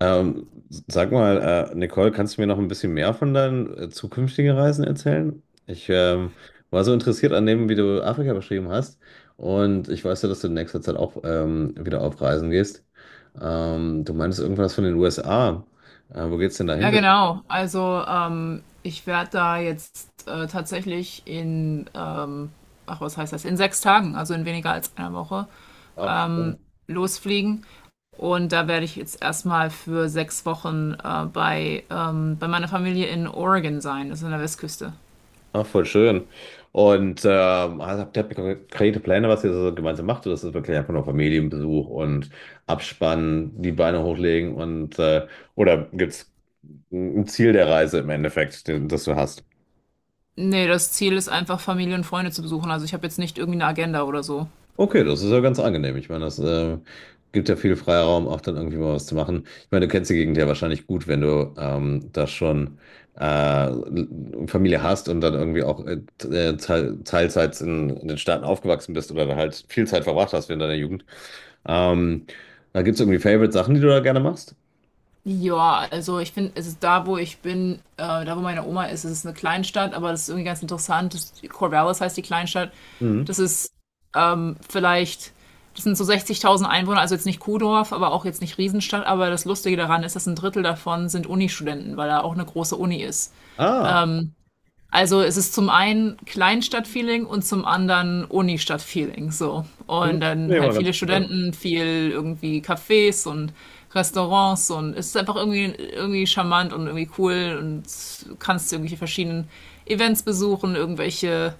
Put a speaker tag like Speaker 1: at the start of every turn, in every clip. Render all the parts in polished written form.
Speaker 1: Ähm, Sag mal, Nicole, kannst du mir noch ein bisschen mehr von deinen zukünftigen Reisen erzählen? Ich war so interessiert an dem, wie du Afrika beschrieben hast. Und ich weiß ja, dass du in nächster Zeit auch wieder auf Reisen gehst. Du meintest irgendwas von den USA. Wo geht's denn da hin
Speaker 2: Ja,
Speaker 1: für dich?
Speaker 2: genau. Also ich werde da jetzt tatsächlich ach was heißt das, in 6 Tagen, also in weniger als einer Woche,
Speaker 1: Ach.
Speaker 2: losfliegen. Und da werde ich jetzt erstmal für 6 Wochen bei meiner Familie in Oregon sein, das ist an der Westküste.
Speaker 1: Ach, voll schön. Und also habt ihr konkrete Pläne, was ihr so gemeinsam macht? Oder ist das wirklich einfach nur Familienbesuch und Abspannen, die Beine hochlegen oder gibt es ein Ziel der Reise im Endeffekt, den, das du hast?
Speaker 2: Nee, das Ziel ist einfach, Familie und Freunde zu besuchen. Also ich habe jetzt nicht irgendwie eine Agenda oder so.
Speaker 1: Okay, das ist ja ganz angenehm. Ich meine, das gibt ja viel Freiraum, auch dann irgendwie mal was zu machen. Ich meine, du kennst die Gegend ja wahrscheinlich gut, wenn du da schon äh, Familie hast und dann irgendwie auch Teilzeit in den Staaten aufgewachsen bist oder da halt viel Zeit verbracht hast während deiner Jugend. Ähm, Da gibt es irgendwie Favorite Sachen, die du da gerne machst?
Speaker 2: Ja, also ich finde, es ist da, wo ich bin, da wo meine Oma ist, es ist eine Kleinstadt, aber das ist irgendwie ganz interessant. Das, Corvallis heißt die Kleinstadt.
Speaker 1: Mhm.
Speaker 2: Das ist vielleicht, das sind so 60.000 Einwohner, also jetzt nicht Kuhdorf, aber auch jetzt nicht Riesenstadt. Aber das Lustige daran ist, dass ein Drittel davon sind Uni-Studenten, weil da auch eine große Uni ist.
Speaker 1: Ah,
Speaker 2: Also es ist zum einen Kleinstadt-Feeling und zum anderen Uni-Stadt-Feeling. So. Und
Speaker 1: das ist
Speaker 2: dann
Speaker 1: mir immer
Speaker 2: halt viele
Speaker 1: ganz cool.
Speaker 2: Studenten, viel irgendwie Cafés und Restaurants, und es ist einfach irgendwie, irgendwie charmant und irgendwie cool, und kannst irgendwelche verschiedenen Events besuchen, irgendwelche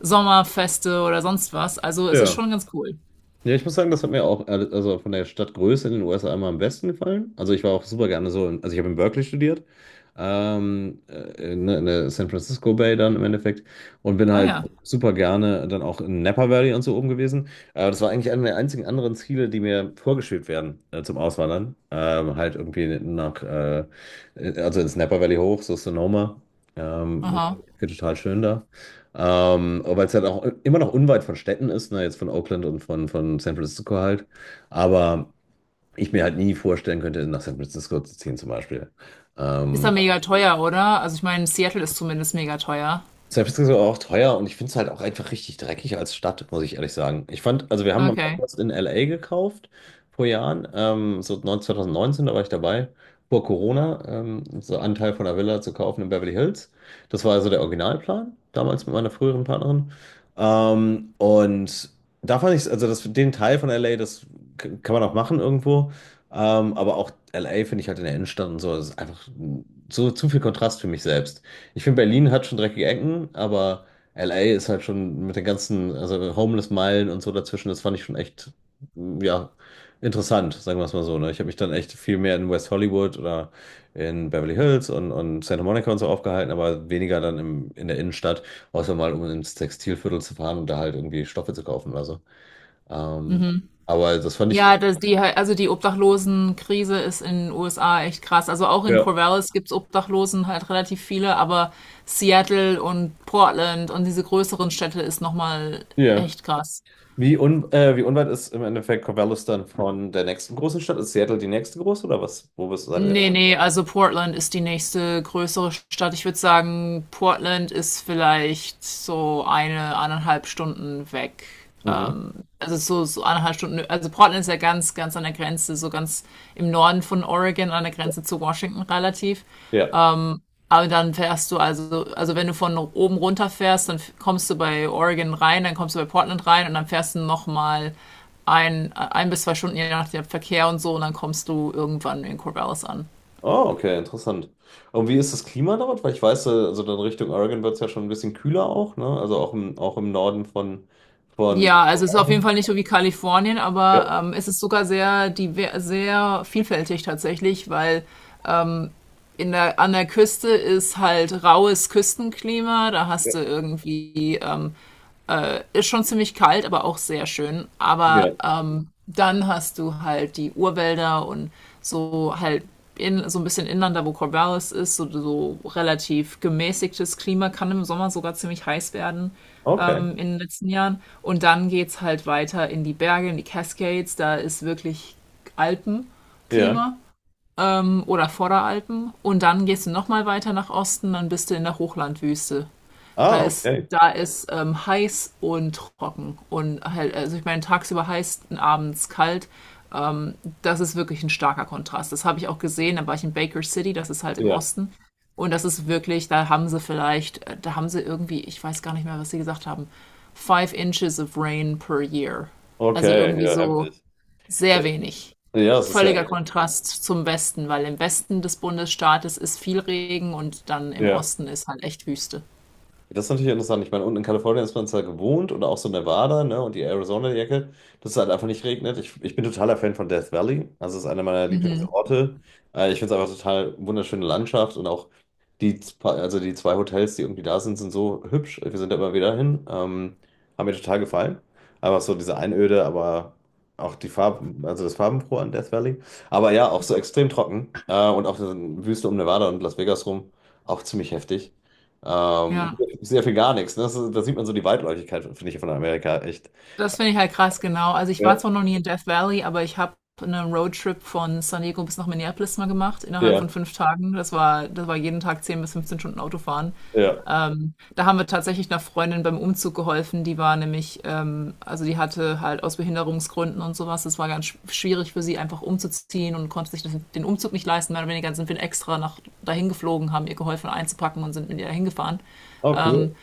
Speaker 2: Sommerfeste oder sonst was. Also es ist
Speaker 1: Ja.
Speaker 2: schon ganz cool.
Speaker 1: Ja, ich muss sagen, das hat mir auch, also von der Stadtgröße in den USA immer am besten gefallen. Also ich war auch super gerne also ich habe in Berkeley studiert, ne, in der San Francisco Bay dann im Endeffekt und bin
Speaker 2: Ah
Speaker 1: halt
Speaker 2: ja.
Speaker 1: super gerne dann auch in Napa Valley und so oben gewesen. Aber das war eigentlich einer der einzigen anderen Ziele, die mir vorgeschwebt werden zum Auswandern. Halt irgendwie nach also ins Napa Valley hoch, so Sonoma. Ich
Speaker 2: Aha.
Speaker 1: fand die Ecke total schön, aber weil es halt auch immer noch unweit von Städten ist, ne, jetzt von Oakland und von San Francisco halt. Aber ich mir halt nie vorstellen könnte, nach San Francisco zu ziehen zum Beispiel.
Speaker 2: Ist da
Speaker 1: Ähm,
Speaker 2: mega teuer, oder? Also ich meine, Seattle ist zumindest mega teuer.
Speaker 1: San Francisco war auch teuer und ich finde es halt auch einfach richtig dreckig als Stadt, muss ich ehrlich sagen. Ich fand, also wir haben auch
Speaker 2: Okay.
Speaker 1: was in LA gekauft vor Jahren, so 9 2019, da war ich dabei, vor Corona, so einen Teil von einer Villa zu kaufen in Beverly Hills. Das war also der Originalplan, damals mit meiner früheren Partnerin. Und da fand ich es, also das, den Teil von LA, das kann man auch machen irgendwo. Aber auch LA finde ich halt in der Innenstadt und so, das ist einfach so zu viel Kontrast für mich selbst. Ich finde, Berlin hat schon dreckige Ecken, aber LA ist halt schon mit den ganzen, also Homeless-Meilen und so dazwischen, das fand ich schon echt, ja, interessant, sagen wir es mal so. Ne? Ich habe mich dann echt viel mehr in West Hollywood oder in Beverly Hills und Santa Monica und so aufgehalten, aber weniger dann in der Innenstadt, außer mal um ins Textilviertel zu fahren und da halt irgendwie Stoffe zu kaufen oder so. Ähm, aber das fand ich,
Speaker 2: Ja, das, die, also die Obdachlosenkrise ist in den USA echt krass. Also auch in
Speaker 1: ja,
Speaker 2: Corvallis gibt's Obdachlosen halt relativ viele, aber Seattle und Portland und diese größeren Städte ist nochmal
Speaker 1: ja.
Speaker 2: echt krass.
Speaker 1: Wie unweit ist im Endeffekt Corvallis dann von der nächsten großen Stadt? Ist Seattle die nächste große oder was? Wo bist du?
Speaker 2: Nee, nee, also Portland ist die nächste größere Stadt. Ich würde sagen, Portland ist vielleicht so eine, 1,5 Stunden weg.
Speaker 1: Mhm.
Speaker 2: Also so, so 1,5 Stunden. Also Portland ist ja ganz, ganz an der Grenze, so ganz im Norden von Oregon, an der Grenze zu Washington relativ.
Speaker 1: Ja.
Speaker 2: Aber dann fährst du also wenn du von oben runter fährst, dann kommst du bei Oregon rein, dann kommst du bei Portland rein und dann fährst du nochmal ein, 1 bis 2 Stunden, je nach dem Verkehr und so, und dann kommst du irgendwann in Corvallis an.
Speaker 1: Oh, okay, interessant. Und wie ist das Klima dort? Weil ich weiß, also dann Richtung Oregon wird es ja schon ein bisschen kühler auch, ne? Also auch im Norden von, von.
Speaker 2: Ja, also es ist auf jeden Fall nicht so wie Kalifornien,
Speaker 1: Ja,
Speaker 2: aber es ist sogar sehr, diver sehr vielfältig tatsächlich, weil in der, an der Küste ist halt raues Küstenklima, da
Speaker 1: ja,
Speaker 2: hast du irgendwie ist schon ziemlich kalt, aber auch sehr schön. Aber
Speaker 1: ja.
Speaker 2: dann hast du halt die Urwälder und so halt in, so ein bisschen inland, da wo Corvallis ist, so, so relativ gemäßigtes Klima, kann im Sommer sogar ziemlich heiß werden
Speaker 1: Okay.
Speaker 2: in den letzten Jahren. Und dann geht's halt weiter in die Berge, in die Cascades, da ist wirklich
Speaker 1: Ja.
Speaker 2: Alpenklima oder Vorderalpen. Und dann gehst du nochmal weiter nach Osten, dann bist du in der Hochlandwüste.
Speaker 1: Ah, okay.
Speaker 2: Da ist heiß und trocken. Und halt, also ich meine, tagsüber heiß, abends kalt. Ähm, das ist wirklich ein starker Kontrast. Das habe ich auch gesehen. Da war ich in Baker City, das ist halt im
Speaker 1: Ja.
Speaker 2: Osten. Und das ist wirklich, da haben sie vielleicht, da haben sie irgendwie, ich weiß gar nicht mehr, was sie gesagt haben, five inches of rain per year. Also
Speaker 1: Okay,
Speaker 2: irgendwie
Speaker 1: ja,
Speaker 2: so
Speaker 1: heftig.
Speaker 2: sehr
Speaker 1: Ja,
Speaker 2: wenig.
Speaker 1: ja, es ist ja.
Speaker 2: Völliger Kontrast zum Westen, weil im Westen des Bundesstaates ist viel Regen und dann im
Speaker 1: Ja.
Speaker 2: Osten ist halt echt Wüste.
Speaker 1: Ja, das ist natürlich interessant. Ich meine, unten in Kalifornien ist man zwar gewohnt oder auch so Nevada, ne, und die Arizona-Ecke, dass es halt einfach nicht regnet. Ich bin totaler Fan von Death Valley. Also es ist einer meiner Lieblingsorte. Ich finde es einfach total wunderschöne Landschaft und auch also die zwei Hotels, die irgendwie da sind, sind so hübsch. Wir sind da immer wieder hin. Haben mir total gefallen. Einfach so diese Einöde, aber auch die Farben, also das Farbenfrohe an Death Valley. Aber ja, auch so extrem trocken. Und auch die Wüste um Nevada und Las Vegas rum, auch ziemlich heftig. Ähm,
Speaker 2: Ja.
Speaker 1: Sehr viel gar nichts. Ne? Da sieht man so die Weitläufigkeit, finde ich, von Amerika echt.
Speaker 2: Das finde ich halt krass, genau. Also ich war
Speaker 1: Ja,
Speaker 2: zwar noch nie in Death Valley, aber ich habe einen Roadtrip von San Diego bis nach Minneapolis mal gemacht, innerhalb
Speaker 1: ja,
Speaker 2: von 5 Tagen. Das war jeden Tag 10 bis 15 Stunden Autofahren.
Speaker 1: ja.
Speaker 2: Da haben wir tatsächlich einer Freundin beim Umzug geholfen. Die war nämlich, also die hatte halt aus Behinderungsgründen und sowas. Es war ganz schwierig für sie, einfach umzuziehen, und konnte sich das, den Umzug nicht leisten. Mehr oder weniger sind wir extra nach dahin geflogen, haben ihr geholfen einzupacken und sind mit ihr dahin gefahren.
Speaker 1: Oh, cool.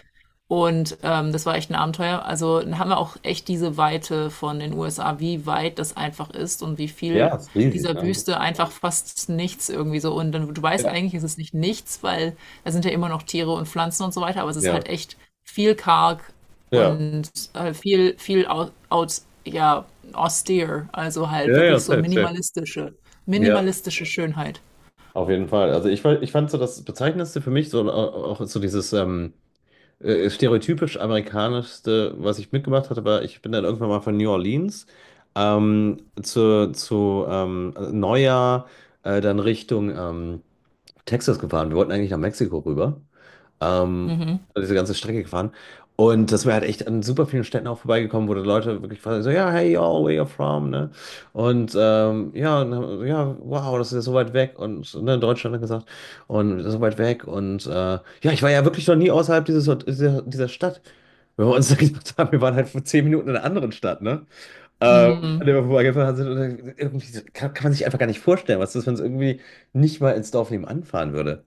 Speaker 2: Und das war echt ein Abenteuer. Also dann haben wir auch echt diese Weite von den USA, wie weit das einfach ist und wie viel
Speaker 1: Ja, ist riesig,
Speaker 2: dieser
Speaker 1: ne?
Speaker 2: Wüste einfach fast nichts irgendwie so. Und dann, du weißt
Speaker 1: Ja,
Speaker 2: eigentlich, ist es nicht nichts, weil da sind ja immer noch Tiere und Pflanzen und so weiter, aber es ist
Speaker 1: ja,
Speaker 2: halt echt viel karg
Speaker 1: ja.
Speaker 2: und viel, ja, austere. Also halt
Speaker 1: Ja, ja,
Speaker 2: wirklich so
Speaker 1: safe, safe.
Speaker 2: minimalistische,
Speaker 1: Ja,
Speaker 2: minimalistische Schönheit.
Speaker 1: auf jeden Fall. Ich fand so das Bezeichnendste für mich, so auch so dieses stereotypisch amerikanischste, was ich mitgemacht hatte, war, ich bin dann irgendwann mal von New Orleans zu Neujahr dann Richtung Texas gefahren. Wir wollten eigentlich nach Mexiko rüber. Ähm,
Speaker 2: Mhm.
Speaker 1: also diese ganze Strecke gefahren. Und das wäre halt echt an super vielen Städten auch vorbeigekommen, wo die Leute wirklich fragen, so, ja, hey, y'all, where you from, ne? Und ja, wow, das ist ja so weit weg und so, ne, in Deutschland hat er gesagt, und so weit weg und ja, ich war ja wirklich noch nie außerhalb dieser Stadt. Wenn wir uns dann gedacht haben, wir waren halt vor 10 Minuten in einer anderen Stadt, ne? Ähm, An der wir vorbeigefahren sind und dann irgendwie kann man sich einfach gar nicht vorstellen, was das, wenn es irgendwie nicht mal ins Dorf nebenan fahren würde.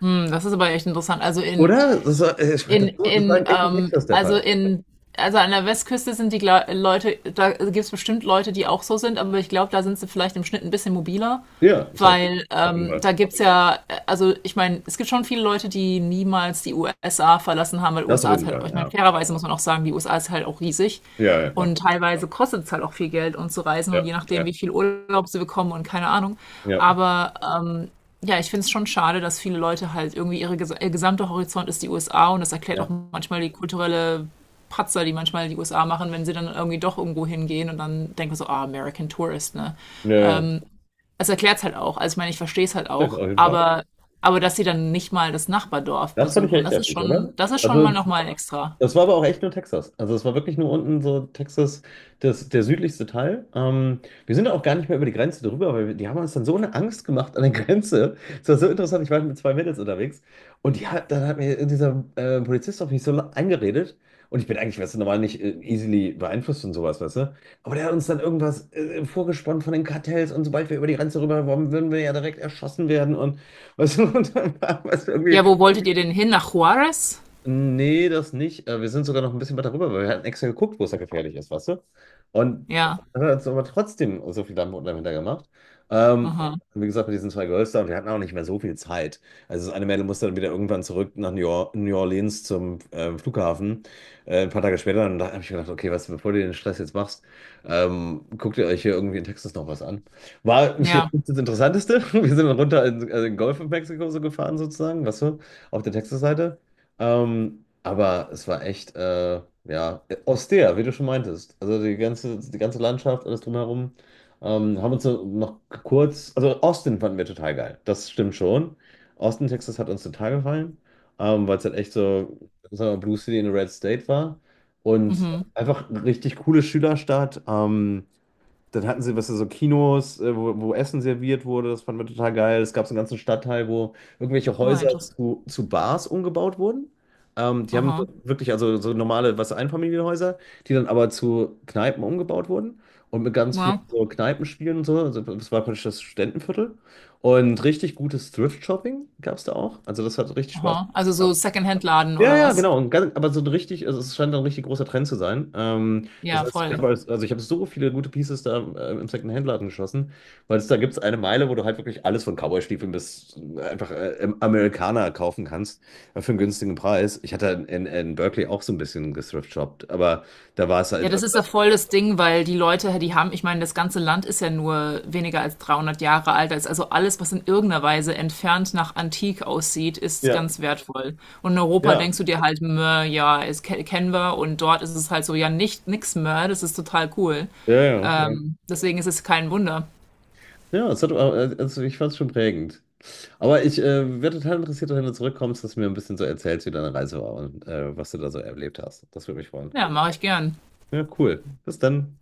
Speaker 2: Hm, das ist aber echt interessant. Also
Speaker 1: Oder? Das war, ich war
Speaker 2: In,
Speaker 1: das, so- Das war
Speaker 2: in,
Speaker 1: in echten
Speaker 2: ähm,
Speaker 1: Texas der
Speaker 2: also
Speaker 1: Fall.
Speaker 2: in, also an der Westküste sind die Gla Leute, da gibt es bestimmt Leute, die auch so sind, aber ich glaube, da sind sie vielleicht im Schnitt ein bisschen mobiler.
Speaker 1: Ja, safe.
Speaker 2: Weil
Speaker 1: Auf jeden Fall.
Speaker 2: da gibt's ja, also ich meine, es gibt schon viele Leute, die niemals die USA verlassen haben, weil
Speaker 1: Das auf
Speaker 2: USA ist
Speaker 1: jeden
Speaker 2: halt,
Speaker 1: Fall,
Speaker 2: ich meine,
Speaker 1: ja.
Speaker 2: fairerweise muss man auch sagen, die USA ist halt auch riesig.
Speaker 1: Ja, ja, klar.
Speaker 2: Und teilweise kostet es halt auch viel Geld, um zu reisen, und
Speaker 1: Ja,
Speaker 2: je nachdem,
Speaker 1: ja,
Speaker 2: wie viel Urlaub sie bekommen und keine Ahnung.
Speaker 1: ja,
Speaker 2: Aber ähm, ja, ich finde es schon schade, dass viele Leute halt irgendwie ihr gesamter Horizont ist die USA, und das erklärt
Speaker 1: ja.
Speaker 2: auch
Speaker 1: Ja,
Speaker 2: manchmal die kulturelle Patzer, die manchmal die USA machen, wenn sie dann irgendwie doch irgendwo hingehen und dann denken so, ah, American Tourist, ne?
Speaker 1: ja.
Speaker 2: Es erklärt's halt auch. Also ich meine, ich verstehe es halt
Speaker 1: Safe,
Speaker 2: auch.
Speaker 1: auf jeden Fall.
Speaker 2: Aber dass sie dann nicht mal das Nachbardorf
Speaker 1: Das fand ich
Speaker 2: besuchen,
Speaker 1: echt heftig, oder?
Speaker 2: das ist schon
Speaker 1: Also,
Speaker 2: mal nochmal extra.
Speaker 1: das war aber auch echt nur Texas. Also es war wirklich nur unten so Texas, das, der südlichste Teil. Wir sind auch gar nicht mehr über die Grenze drüber, weil wir, die haben uns dann so eine Angst gemacht an der Grenze. Es war so interessant, ich war halt mit zwei Mädels unterwegs und die hat, dann hat mir dieser Polizist auf mich so eingeredet und ich bin eigentlich, weißt du, normal nicht easily beeinflusst und sowas, weißt du. Aber der hat uns dann irgendwas vorgesponnen von den Kartells und sobald wir über die Grenze rüber waren, würden wir ja direkt erschossen werden und weißt du, und dann war es irgendwie.
Speaker 2: Ja, wo wolltet ihr denn hin? Nach Juarez?
Speaker 1: Nee, das nicht. Wir sind sogar noch ein bisschen weiter rüber, weil wir hatten extra geguckt, wo es da gefährlich ist, weißt du? Und
Speaker 2: Ja.
Speaker 1: dann hat uns aber trotzdem so viel Dampf unten dahinter gemacht. Ähm,
Speaker 2: Aha.
Speaker 1: Wie gesagt, mit diesen zwei Girls da, und wir hatten auch nicht mehr so viel Zeit. Also das eine Mädel musste dann wieder irgendwann zurück nach New Orleans zum Flughafen. Ein paar Tage später, und da habe ich gedacht, okay, was, bevor du den Stress jetzt machst, guckt ihr euch hier irgendwie in Texas noch was an. War jetzt
Speaker 2: Ja.
Speaker 1: nicht das Interessanteste. Wir sind dann runter in, also in den Golf in Mexiko so gefahren sozusagen, weißt du, auf der Texas-Seite. Aber es war echt, ja, austere, wie du schon meintest. Also die ganze Landschaft, alles drumherum. Haben uns noch kurz, also Austin fanden wir total geil. Das stimmt schon. Austin, Texas hat uns total gefallen, weil es halt echt so, sagen wir mal, Blue City in a Red State war. Und
Speaker 2: Mhm.
Speaker 1: einfach richtig coole Schülerstadt. Dann hatten sie, was so Kinos, wo Essen serviert wurde, das fanden wir total geil. Es gab so einen ganzen Stadtteil, wo irgendwelche
Speaker 2: Oh,
Speaker 1: Häuser
Speaker 2: interessant.
Speaker 1: zu Bars umgebaut wurden. Die haben so
Speaker 2: Aha.
Speaker 1: wirklich, also so normale, was Einfamilienhäuser, die dann aber zu Kneipen umgebaut wurden und mit ganz vielen
Speaker 2: Wow.
Speaker 1: so Kneipenspielen und so. Also das war praktisch das Studentenviertel. Und richtig gutes Thrift-Shopping gab es da auch. Also das hat richtig Spaß
Speaker 2: Aha. Also so
Speaker 1: gemacht.
Speaker 2: Secondhand-Laden
Speaker 1: Ja,
Speaker 2: oder
Speaker 1: ja,
Speaker 2: was?
Speaker 1: genau. Und ganz, aber so ein richtig, also es scheint ein richtig großer Trend zu sein. Das
Speaker 2: Ja,
Speaker 1: heißt,
Speaker 2: voll.
Speaker 1: also ich habe so viele gute Pieces da im Second-Hand-Laden geschossen, weil es da gibt es eine Meile, wo du halt wirklich alles von Cowboy-Stiefeln bis einfach im Amerikaner kaufen kannst für einen günstigen Preis. Ich hatte in Berkeley auch so ein bisschen gethrift-shoppt, aber da war es
Speaker 2: Ja,
Speaker 1: halt.
Speaker 2: das
Speaker 1: Also,
Speaker 2: ist ja voll das Ding, weil die Leute, die haben, ich meine, das ganze Land ist ja nur weniger als 300 Jahre alt. Da ist, also alles, was in irgendeiner Weise entfernt nach Antik aussieht, ist
Speaker 1: ja,
Speaker 2: ganz wertvoll. Und in Europa
Speaker 1: ja.
Speaker 2: denkst du dir halt, mö, ja, es kennen wir. Und dort ist es halt so, ja, nicht, nix mehr. Das ist total cool.
Speaker 1: Ja, ja.
Speaker 2: Deswegen ist es kein Wunder.
Speaker 1: Ja, es hat, also ich fand es schon prägend. Aber ich wäre total interessiert, wenn du zurückkommst, dass du mir ein bisschen so erzählst, wie deine Reise war und was du da so erlebt hast. Das würde mich freuen.
Speaker 2: Ja, mache ich gern.
Speaker 1: Ja, cool. Bis dann.